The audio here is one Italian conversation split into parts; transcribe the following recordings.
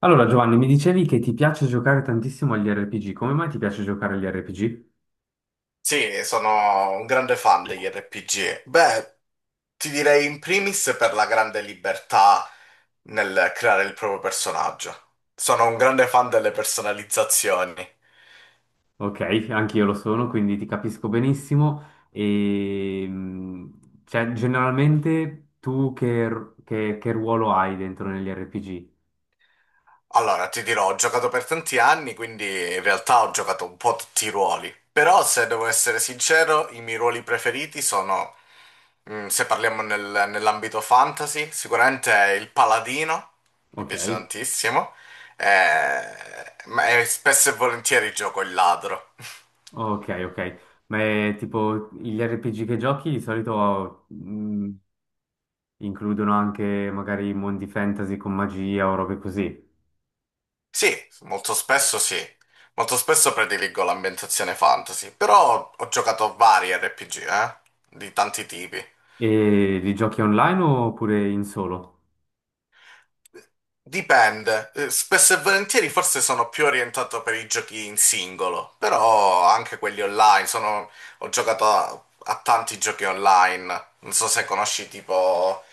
Allora, Giovanni, mi dicevi che ti piace giocare tantissimo agli RPG. Come mai ti piace giocare agli RPG? Sì, sono un grande fan degli RPG. Beh, ti direi in primis per la grande libertà nel creare il proprio personaggio. Sono un grande fan delle personalizzazioni. Ok, anche io lo sono, quindi ti capisco benissimo. E, cioè, generalmente tu che ruolo hai dentro negli RPG? Allora, ti dirò, ho giocato per tanti anni, quindi in realtà ho giocato un po' tutti i ruoli. Però, se devo essere sincero, i miei ruoli preferiti sono, se parliamo nell'ambito fantasy, sicuramente è il paladino, mi Ok, piace tantissimo, eh, ma spesso e volentieri gioco il ladro. ok, ok. Ma è tipo gli RPG che giochi di solito, includono anche magari mondi fantasy con magia o robe così. Sì, sì. Molto spesso prediligo l'ambientazione fantasy, però ho giocato vari RPG, di tanti tipi. E li giochi online oppure in solo? Dipende. Spesso e volentieri forse sono più orientato per i giochi in singolo, però anche quelli online, ho giocato a tanti giochi online, non so se conosci tipo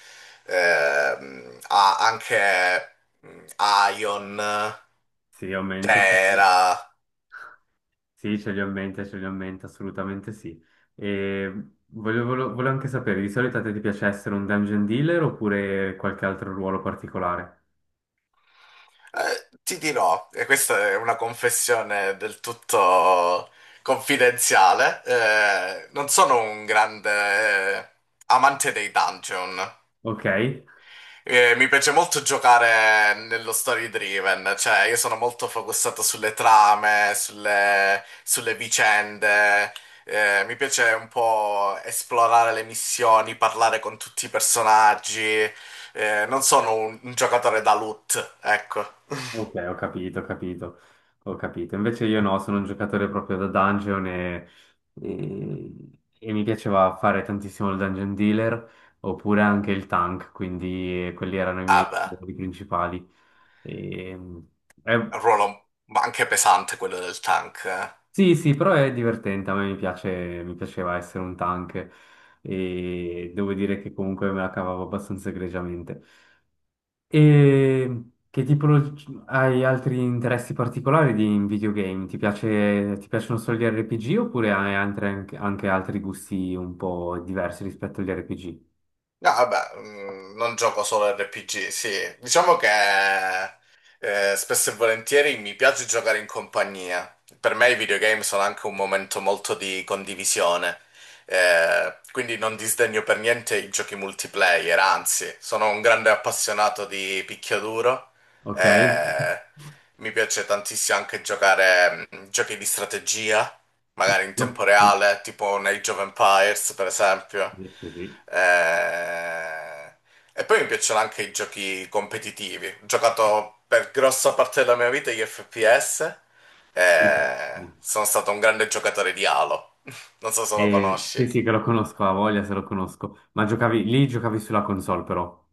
anche mm, Ion, Sì, ovviamente. Sì, sì. Terra. Sì, ce li ho in mente, ce li ho in mente, assolutamente sì. E volevo anche sapere, di solito a te ti piace essere un dungeon dealer oppure qualche altro ruolo particolare? Ti dirò, e questa è una confessione del tutto confidenziale, non sono un grande amante dei dungeon. Ok? Mi piace molto giocare nello story driven, cioè io sono molto focussato sulle trame, sulle vicende, mi piace un po' esplorare le missioni, parlare con tutti i personaggi, non sono un giocatore da loot, ecco. Ok, ho capito, ho capito, ho capito. Invece io no, sono un giocatore proprio da dungeon e- e mi piaceva fare tantissimo il dungeon dealer oppure anche il tank, quindi quelli erano i miei Ah beh, ruoli principali. E, eh, è un ruolo ma anche pesante quello del tank, eh. Sì, sì, però è divertente, a me mi piace, mi piaceva essere un tank e devo dire che comunque me la cavavo abbastanza egregiamente. E che tipo hai altri interessi particolari in videogame? Ti piacciono solo gli RPG oppure hai anche altri gusti un po' diversi rispetto agli RPG? No, vabbè, non gioco solo RPG, sì. Diciamo che spesso e volentieri mi piace giocare in compagnia. Per me i videogame sono anche un momento molto di condivisione. Quindi non disdegno per niente i giochi multiplayer, anzi, sono un grande appassionato di picchiaduro. Ok? Eh, Mi piace tantissimo anche giocare giochi di strategia magari in No. tempo Sì, reale, tipo un Age of Empires, per esempio. sì. Eh, E poi mi piacciono anche i giochi competitivi. Ho giocato per grossa parte della mia vita gli FPS Sì. e sono stato un grande giocatore di Halo. Non so se lo Sì, conosci. sì, che lo conosco, a voglia se lo conosco. Ma giocavi lì, giocavi sulla console però.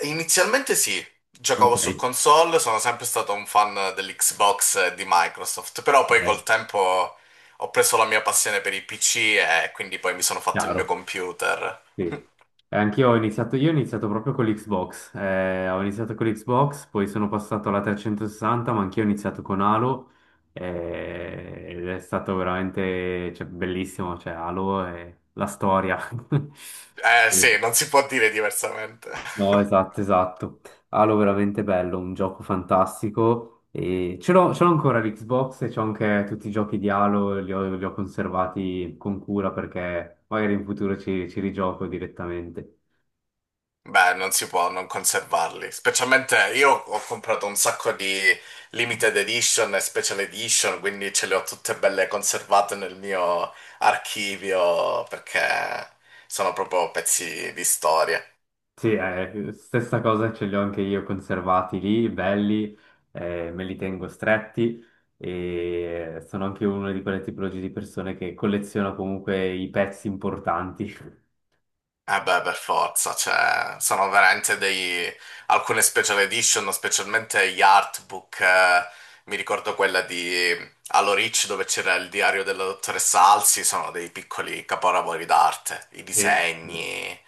Eh inizialmente sì, Ok. giocavo su console, sono sempre stato un fan dell'Xbox e di Microsoft, però poi col Eh, tempo ho preso la mia passione per i PC e quindi poi mi sono fatto il mio chiaro, computer. sì. Anch'io ho iniziato proprio con l'Xbox, poi sono passato alla 360, ma anch'io ho iniziato con Halo, ed è stato veramente, cioè, bellissimo, cioè, Halo è la storia. Eh Sì. sì, non si può dire diversamente. No, esatto, esatto. Halo veramente bello, un gioco fantastico. E ce l'ho ancora l'Xbox e c'ho anche tutti i giochi di Halo, li ho conservati con cura perché magari in futuro ci rigioco direttamente. Beh, non si può non conservarli. Specialmente io ho comprato un sacco di limited edition e special edition, quindi ce le ho tutte belle conservate nel mio archivio perché sono proprio pezzi di storia. Sì, stessa cosa ce li ho anche io conservati lì, belli, me li tengo stretti e sono anche una di quelle tipologie di persone che colleziona comunque i pezzi importanti. Eh beh, per forza, cioè, sono veramente dei... alcune special edition, specialmente gli artbook, mi ricordo quella di Allo Rich dove c'era il diario della dottoressa Alsi, sono dei piccoli capolavori d'arte, i Sì. disegni,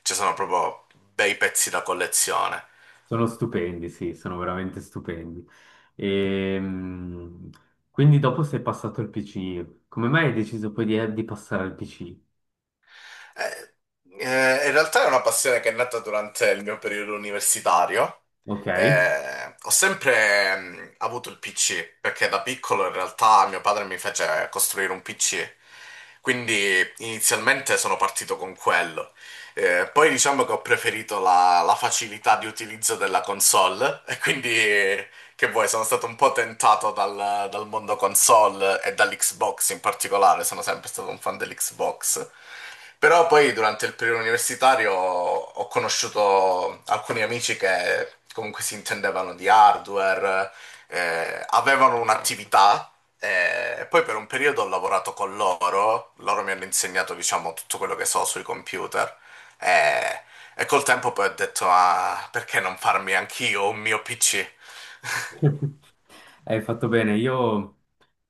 ci sono proprio bei pezzi da collezione. Sono stupendi, sì, sono veramente stupendi. Ehm, quindi dopo sei passato al PC, come mai hai deciso poi di passare al PC? Eh, In realtà è una passione che è nata durante il mio periodo universitario. Ok? Ho sempre avuto il PC, perché da piccolo in realtà mio padre mi fece costruire un PC. Quindi inizialmente sono partito con quello. Poi diciamo che ho preferito la facilità di utilizzo della console e quindi che vuoi, sono stato un po' tentato dal mondo console e dall'Xbox in particolare, sono sempre stato un fan dell'Xbox. Però poi durante il periodo universitario ho conosciuto alcuni amici che comunque si intendevano di hardware, avevano un'attività e poi per un periodo ho lavorato con loro, loro mi hanno insegnato diciamo tutto quello che so sui computer, eh, e col tempo poi ho detto ah, perché non farmi anch'io un mio PC? Hai fatto bene, io,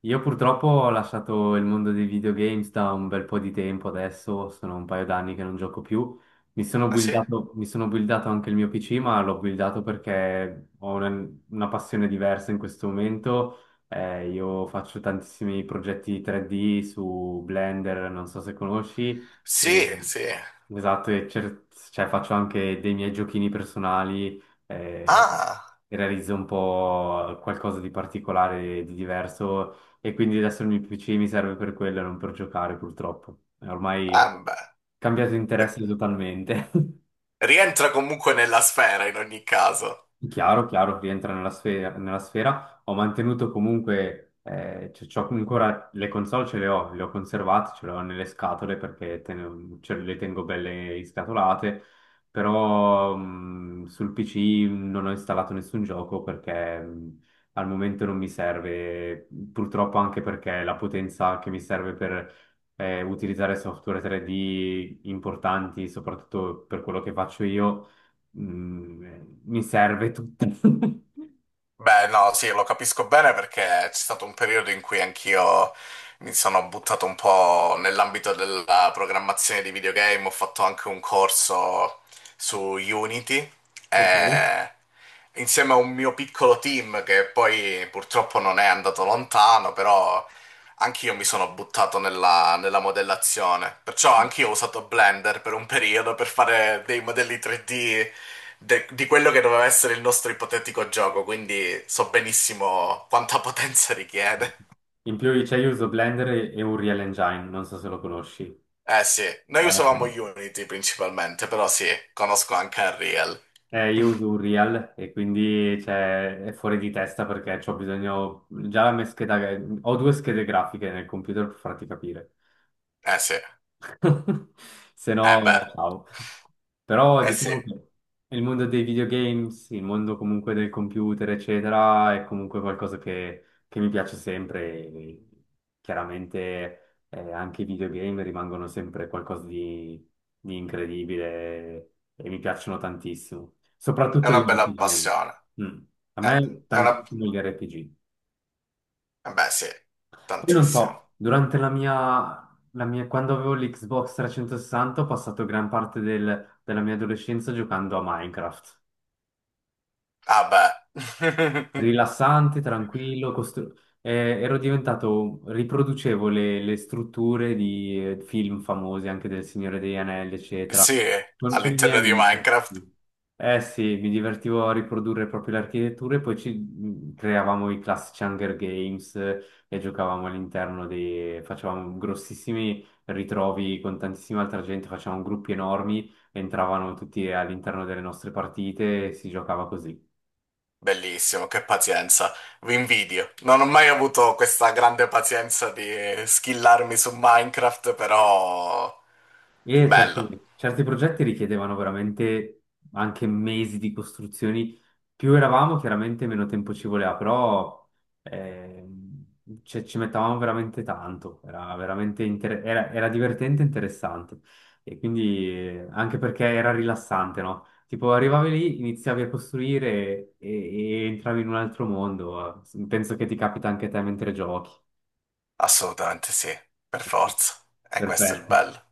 io purtroppo ho lasciato il mondo dei videogames da un bel po' di tempo adesso, sono un paio d'anni che non gioco più. Mi sono Ah sì? buildato, mi sono buildato anche il mio PC, ma l'ho buildato perché ho una passione diversa in questo momento. Io faccio tantissimi progetti 3D su Blender, non so se conosci, e, Sì, sì. esatto, cioè, faccio anche dei miei giochini personali. eh, Ah, Realizzo un po' qualcosa di particolare, di diverso e quindi adesso il mio PC mi serve per quello e non per giocare purtroppo. È ormai Beh, cambiato beh, interesse totalmente. rientra comunque nella sfera in ogni caso. Sì, chiaro, chiaro, rientra nella sfera, nella sfera. Ho mantenuto comunque, c'ho ancora le console, ce le ho conservate, ce le ho nelle scatole perché ce le tengo belle iscatolate, però sul PC non ho installato nessun gioco perché al momento non mi serve, purtroppo anche perché la potenza che mi serve per utilizzare software 3D importanti, soprattutto per quello che faccio io. Mm, Mi serve tutto. Beh, no, sì, lo capisco bene perché c'è stato un periodo in cui anch'io mi sono buttato un po' nell'ambito della programmazione di videogame, ho fatto anche un corso su Unity Ok. e insieme a un mio piccolo team che poi purtroppo non è andato lontano, però anch'io mi sono buttato nella, nella modellazione, perciò anch'io ho usato Blender per un periodo per fare dei modelli 3D di quello che doveva essere il nostro ipotetico gioco, quindi so benissimo quanta potenza richiede. In più c'è io uso Blender e Unreal Engine, non so se lo conosci. Eh sì, noi usavamo Eh, Unity principalmente, però sì, conosco anche Unreal. Io uso Unreal e quindi cioè, è fuori di testa perché ho bisogno... Già la mia scheda... Ho due schede grafiche nel computer per farti capire. Eh sì, Se eh beh, no, ciao. Però eh sì, diciamo è che il mondo dei videogames, il mondo comunque del computer, eccetera, è comunque qualcosa che mi piace sempre. E chiaramente, anche i videogame rimangono sempre qualcosa di incredibile e mi piacciono tantissimo. Soprattutto una gli bella passione. RPG. Mm. A Eh, me è una... tantissimo gli RPG. eh beh sì, Poi non tantissimo. so, durante la mia, quando avevo l'Xbox 360 ho passato gran parte della mia adolescenza giocando a Minecraft Ah beh, rilassante, tranquillo, riproducevo le strutture di film famosi, anche del Signore degli Anelli, eccetera, sì, con i miei all'interno di amici. Minecraft. Sì. Eh sì, mi divertivo a riprodurre proprio le architetture, poi ci creavamo i classici Hunger Games e giocavamo all'interno dei... facevamo grossissimi ritrovi con tantissima altra gente, facevamo gruppi enormi, entravano tutti all'interno delle nostre partite e si giocava così. Bellissimo, che pazienza, vi invidio. Non ho mai avuto questa grande pazienza di skillarmi su Minecraft, però E bello, certi progetti richiedevano veramente anche mesi di costruzioni. Più eravamo, chiaramente meno tempo ci voleva, però ci mettavamo veramente tanto. Era veramente era divertente e interessante. E quindi anche perché era rilassante, no? Tipo arrivavi lì, iniziavi a costruire e entravi in un altro mondo. Penso che ti capita anche a te mentre giochi. assolutamente sì, per forza. E questo è il Perfetto, bello.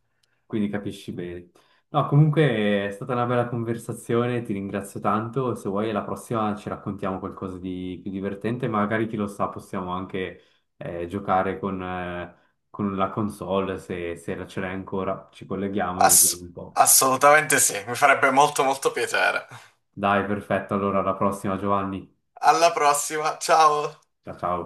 quindi capisci bene. No, comunque è stata una bella conversazione, ti ringrazio tanto. Se vuoi, alla prossima ci raccontiamo qualcosa di più divertente. Magari chi lo sa, possiamo anche giocare con la console se la ce l'hai ancora. Ci colleghiamo e Ass- vediamo un po'. assolutamente sì, mi farebbe molto molto piacere. Dai, perfetto. Allora, alla prossima, Giovanni. Alla prossima, ciao! Ciao, ciao.